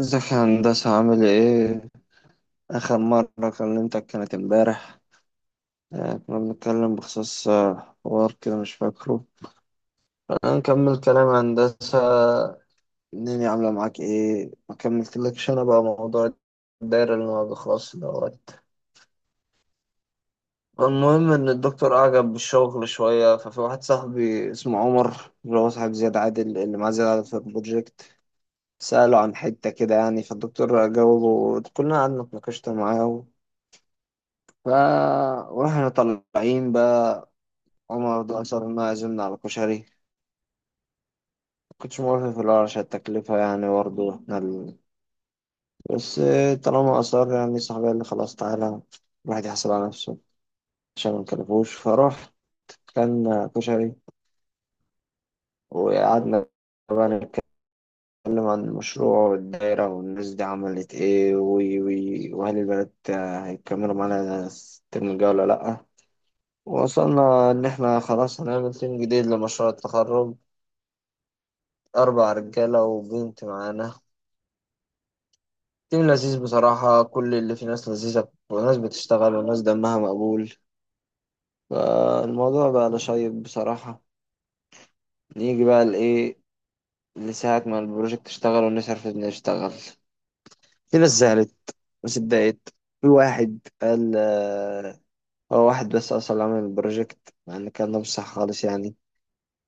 ازيك يا هندسة عامل ايه؟ آخر مرة كلمتك كانت امبارح. كنا بنتكلم بخصوص حوار كده مش فاكره. أنا نكمل كلام يا هندسة، الدنيا عاملة معاك ايه؟ ما كملتلكش أنا بقى موضوع الدايرة اللي ما بيخلصش دوت. المهم إن الدكتور أعجب بالشغل شوية، ففي واحد صاحبي اسمه عمر اللي هو صاحب زياد عادل اللي معاه زياد عادل في البروجكت، سأله عن حتة كده يعني، فالدكتور جاوبه، كلنا قعدنا اتناقشنا معاه. ف واحنا طالعين بقى، عمر ده أصر إنه يعزمنا على كشري. مكنتش موافق في الأول عشان التكلفة، يعني برضه إحنا بس طالما أصر، يعني صاحبي قال لي خلاص تعالى الواحد يحصل على نفسه عشان ما نكلفوش، فروح كان كشري. وقعدنا بقى نتكلم عن المشروع والدايرة والناس دي عملت إيه، وي وي وهل البنات هيكملوا معانا الترم الجاي ولا لأ. وصلنا إن إحنا خلاص هنعمل تيم جديد لمشروع التخرج، أربع رجالة وبنت معانا. تيم لذيذ بصراحة، كل اللي فيه ناس لذيذة وناس بتشتغل وناس دمها مقبول، فالموضوع بقى لشيق بصراحة. نيجي بقى لإيه، لساعة ما البروجكت اشتغل ونصرف نشتغل، في ناس زعلت، ناس اتضايقت. في واحد قال هو واحد بس أصلا عمل البروجكت، مع إن كان ده مش صح خالص يعني.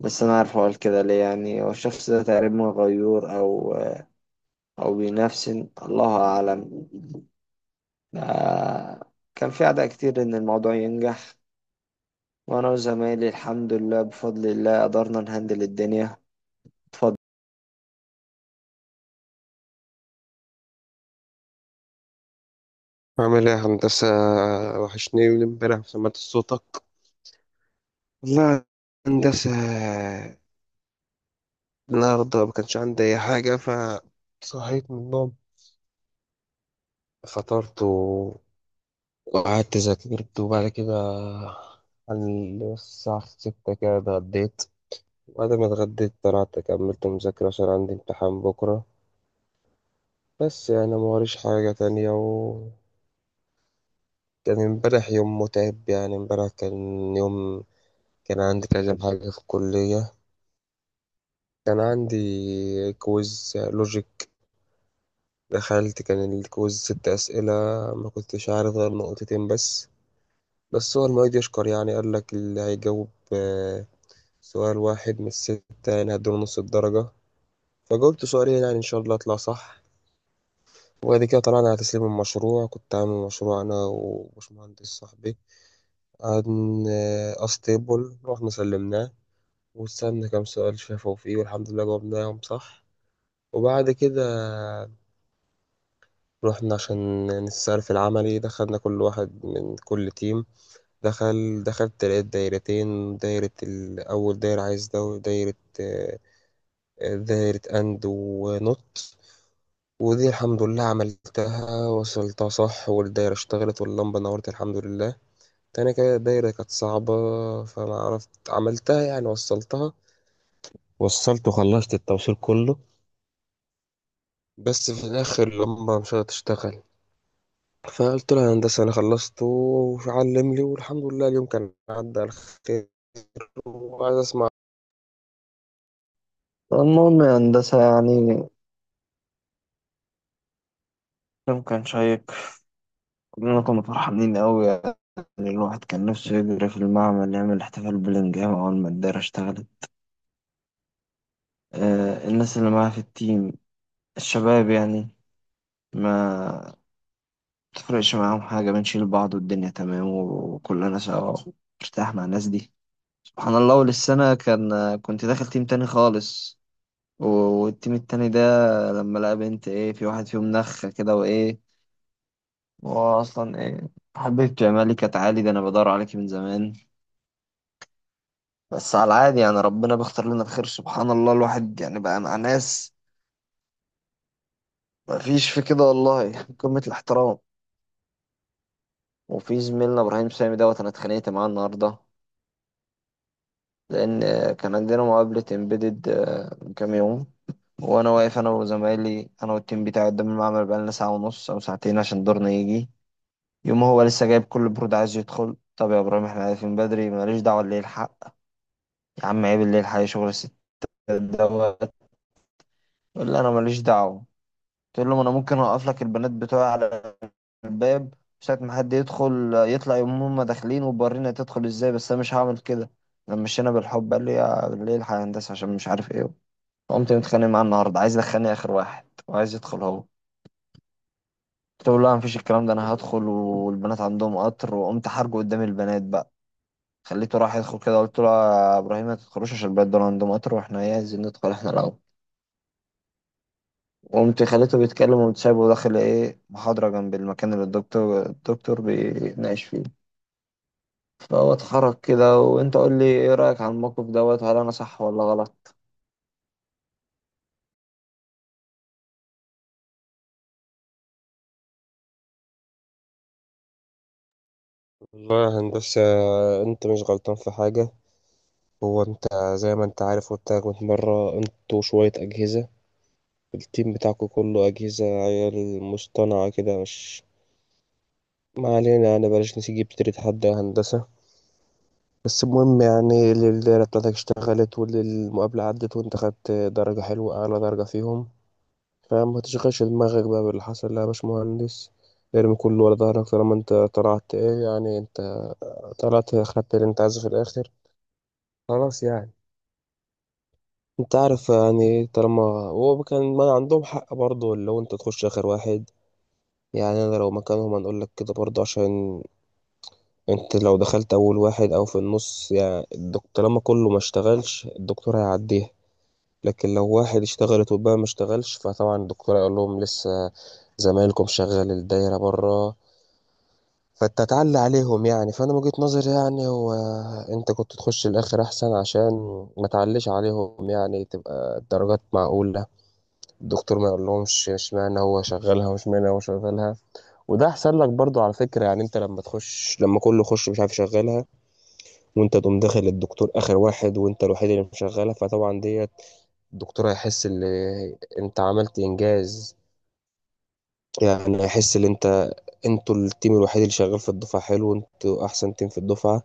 بس أنا عارف هو قال كده ليه، يعني هو الشخص ده تقريبا غيور أو أو بينافسن، الله أعلم. ده كان في أعداء كتير إن الموضوع ينجح، وأنا وزمايلي الحمد لله بفضل الله قدرنا نهندل الدنيا. اتفضل. عامل ايه يا هندسة؟ وحشني من امبارح ما سمعت صوتك. والله يا هندسة، النهاردة ما كانش عندي أي حاجة، فصحيت من النوم، فطرت وقعدت ذاكرت، وبعد كده على الساعة 6 كده اتغديت، وبعد ما اتغديت طلعت كملت مذاكرة عشان عندي امتحان بكرة. بس يعني ما وريش حاجة تانية. وكان امبارح يوم متعب، يعني امبارح كان يوم كان عندي كذا حاجة في الكلية. كان عندي كويز لوجيك، دخلت كان الكويز ست أسئلة، ما كنتش عارف غير نقطتين بس هو المعيد يشكر، يعني قال لك اللي هيجاوب سؤال واحد من الستة يعني هدوله نص الدرجة. فجاوبت سؤالين يعني إن شاء الله أطلع صح. وبعد كده طلعنا على تسليم المشروع، كنت عامل مشروع أنا وباشمهندس صاحبي عن أستيبل، رحنا سلمناه واستنى كام سؤال شافوا فيه والحمد لله جاوبناهم صح. وبعد كده رحنا عشان نسأل في العملي، دخلنا كل واحد من كل تيم، دخلت لقيت دايرتين، دايرة أول دايرة عايز ده، ودايرة آه، دايرة أند ونوت. ودي الحمد لله عملتها وصلتها صح والدايرة اشتغلت واللمبة نورت الحمد لله. تاني كده دايرة كانت صعبة فما عرفت عملتها، يعني وصلتها، وصلت وخلصت التوصيل كله بس في الآخر اللمبة مش هتشتغل. فقلت له يا هندسة أنا خلصت وعلم لي، والحمد لله اليوم كان عدى على خير. وعايز أسمع. المهم يا هندسة، يعني اليوم كان شيق، كلنا كنا فرحانين أوي يعني. الواحد كان نفسه يجري في المعمل يعمل احتفال بلنجهام أول ما الدايرة اشتغلت. الناس اللي معاه في التيم، الشباب يعني، ما تفرقش معاهم حاجة، بنشيل بعض والدنيا تمام وكلنا سوا. مرتاح مع الناس دي. سبحان الله، أول السنة كنت داخل تيم تاني خالص، و- والتيم التاني ده لما لقى بنت، ايه في واحد فيهم نخة كده، وايه هو اصلا ايه، حبيبتي يا مالك يا تعالي ده انا بدور عليكي من زمان. بس على العادي يعني، ربنا بيختار لنا الخير، سبحان الله، الواحد يعني بقى مع ناس مفيش في كده والله. قمة الاحترام. وفي زميلنا ابراهيم سامي دوت، انا اتخانقت معاه النهارده لان كان عندنا مقابلة امبيدد من كام يوم، وانا واقف انا وزمايلي، انا والتيم بتاعي قدام المعمل بقالنا ساعة ونص او ساعتين عشان دورنا يجي. يوم هو لسه جايب كل برود عايز يدخل، طب يا ابراهيم احنا عارفين بدري، ماليش دعوه اللي يلحق يا عم، عيب اللي يلحق شغل الستات دوت. يقول لي انا ماليش دعوه، تقول له ما انا ممكن اوقف لك البنات بتوعي على الباب ساعة ما حد يدخل يطلع، يقوم هما داخلين وبورينا تدخل ازاي، بس انا مش هعمل كده. لما مشينا بالحب قال لي يا اللي يلحق يا هندسه، عشان مش عارف ايه. قمت متخانق معاه النهارده، عايز يدخلني اخر واحد وعايز يدخل هو. قلت له لا، مفيش الكلام ده، انا هدخل والبنات عندهم قطر، وقمت حرجه قدام البنات بقى. خليته راح يدخل كده، قلت له يا ابراهيم ما تدخلوش، عشان البلد دول عندهم قطر واحنا ايه، عايزين ندخل احنا الاول. وقمت خليته بيتكلم، وقمت سايبه داخل ايه، محاضرة جنب المكان اللي الدكتور بيناقش فيه. فهو اتحرك كده، وانت قول لي ايه رأيك عن الموقف دوت، هل انا صح ولا غلط؟ والله يا هندسة، أنت مش غلطان في حاجة. هو أنت زي ما أنت عارف، قلت لك من مرة أنتوا شوية أجهزة، التيم بتاعكوا كله أجهزة عيال مصطنعة كده، مش ما علينا. أنا بلاش نسيب تريد حد يا هندسة. بس المهم يعني الليلة بتاعتك اشتغلت والمقابلة عدت وأنت خدت درجة حلوة أعلى درجة فيهم، فاهم؟ ما تشغلش دماغك بقى باللي حصل، لا يا باشمهندس، ارمي كله ورا ظهرك طالما انت طلعت ايه يعني، انت طلعت خدت اللي انت عايزه في الاخر، خلاص يعني. انت عارف يعني ايه، طالما هو كان ما عندهم حق برضه لو انت تخش اخر واحد. يعني انا لو مكانهم هنقول لك كده برضه، عشان انت لو دخلت اول واحد او في النص، يعني الدكتور طالما كله ما اشتغلش الدكتور هيعديها. لكن لو واحد اشتغلت والباقي ما اشتغلش، فطبعا الدكتور هيقول لهم لسه زمايلكم شغال الدايرة بره فتتعلى عليهم يعني. فانا من وجهة نظري يعني، هو انت كنت تخش الاخر احسن عشان ما تعليش عليهم يعني، تبقى الدرجات معقولة، الدكتور ما يقولهمش اشمعنى هو شغالها واشمعنى هو شغالها. وده احسن لك برضو على فكرة، يعني انت لما تخش لما كله يخش مش عارف يشغلها وانت تقوم داخل الدكتور اخر واحد وانت الوحيد اللي مشغلها، فطبعا ديت الدكتور هيحس ان انت عملت انجاز. يعني هيحس ان انت انتوا التيم الوحيد اللي شغال في الدفعة، حلو، انتوا احسن تيم في الدفعة.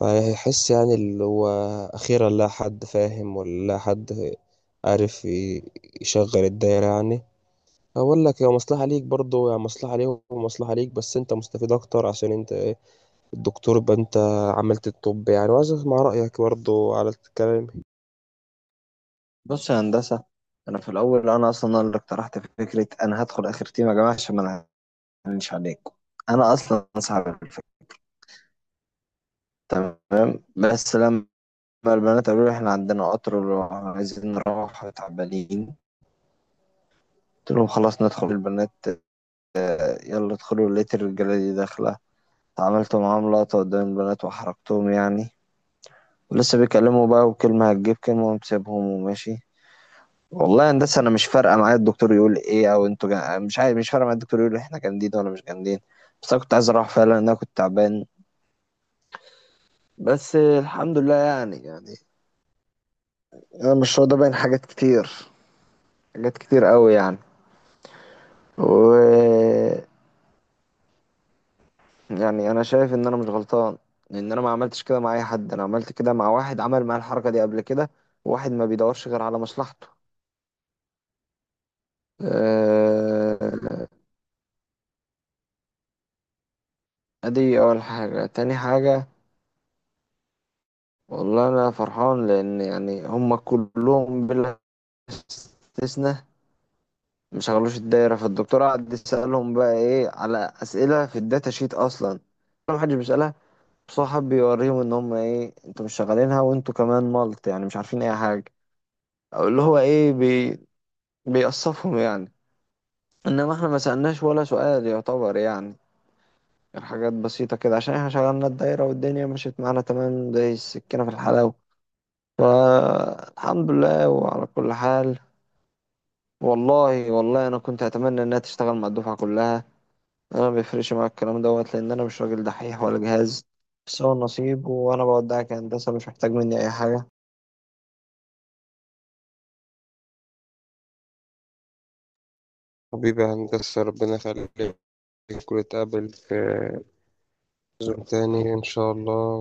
فهيحس يعني اللي هو أخيرا لا حد فاهم ولا لا حد عارف يشغل الدايرة يعني. أقول لك هي مصلحة ليك برضه، يعني مصلحة ليهم ومصلحة ليك، بس أنت مستفيد أكتر عشان أنت إيه الدكتور يبقى أنت عملت الطب يعني. وعايز أسمع رأيك برضه على الكلام. بص يا هندسة، انا في الاول انا اصلا اللي اقترحت فكرة انا هدخل اخر تيم يا جماعة عشان ما نعلنش عليكم، انا اصلا صعب الفكرة. تمام، بس لما البنات قالوا لي احنا عندنا قطر وعايزين نروح تعبانين، قلت لهم خلاص ندخل البنات. يلا ادخلوا، لقيت الرجالة دي داخلة، عملت معاهم لقطة قدام البنات وحركتهم يعني، ولسه بيكلموا بقى وكلمة هتجيب كلمة، ومسيبهم وماشي. والله يا هندسة أنا مش فارقة معايا الدكتور يقول إيه، أو أنتوا مش عارف، مش فارقة معايا الدكتور يقول إحنا جامدين ولا مش جامدين، بس أنا كنت عايز أروح فعلا لأن أنا كنت تعبان. بس الحمد لله، يعني أنا مش راضي باين حاجات كتير، حاجات كتير قوي يعني. و يعني انا شايف ان انا مش غلطان، لان انا ما عملتش كده مع اي حد، انا عملت كده مع واحد عمل معايا الحركه دي قبل كده، واحد ما بيدورش غير على مصلحته. آه، ادي اول حاجه. تاني حاجه، والله انا فرحان لان يعني هم كلهم بلا استثناء مش شغلوش الدايره، فالدكتور قعد يسالهم بقى ايه على اسئله في الداتا شيت اصلا ما حدش بيسالها، بس هو حب يوريهم ان هم ايه، انتوا مش شغالينها وانتوا كمان ملط، يعني مش عارفين اي حاجه، او اللي هو ايه، بيقصفهم يعني. انما احنا ما سألناش ولا سؤال يعتبر، يعني الحاجات بسيطة كده عشان احنا شغلنا الدايرة والدنيا مشيت معانا تمام زي السكينة في الحلاوة، فالحمد لله وعلى كل حال. والله والله انا كنت اتمنى انها تشتغل مع الدفعة كلها، انا ما بيفرقش معايا الكلام دوت، لان انا مش راجل دحيح ولا جهاز، بس هو النصيب. وانا بودعك يا هندسة، مش محتاج مني اي حاجة. حبيبي يا هندسة ربنا يخليك، ونتقابل في زوم تاني إن شاء الله.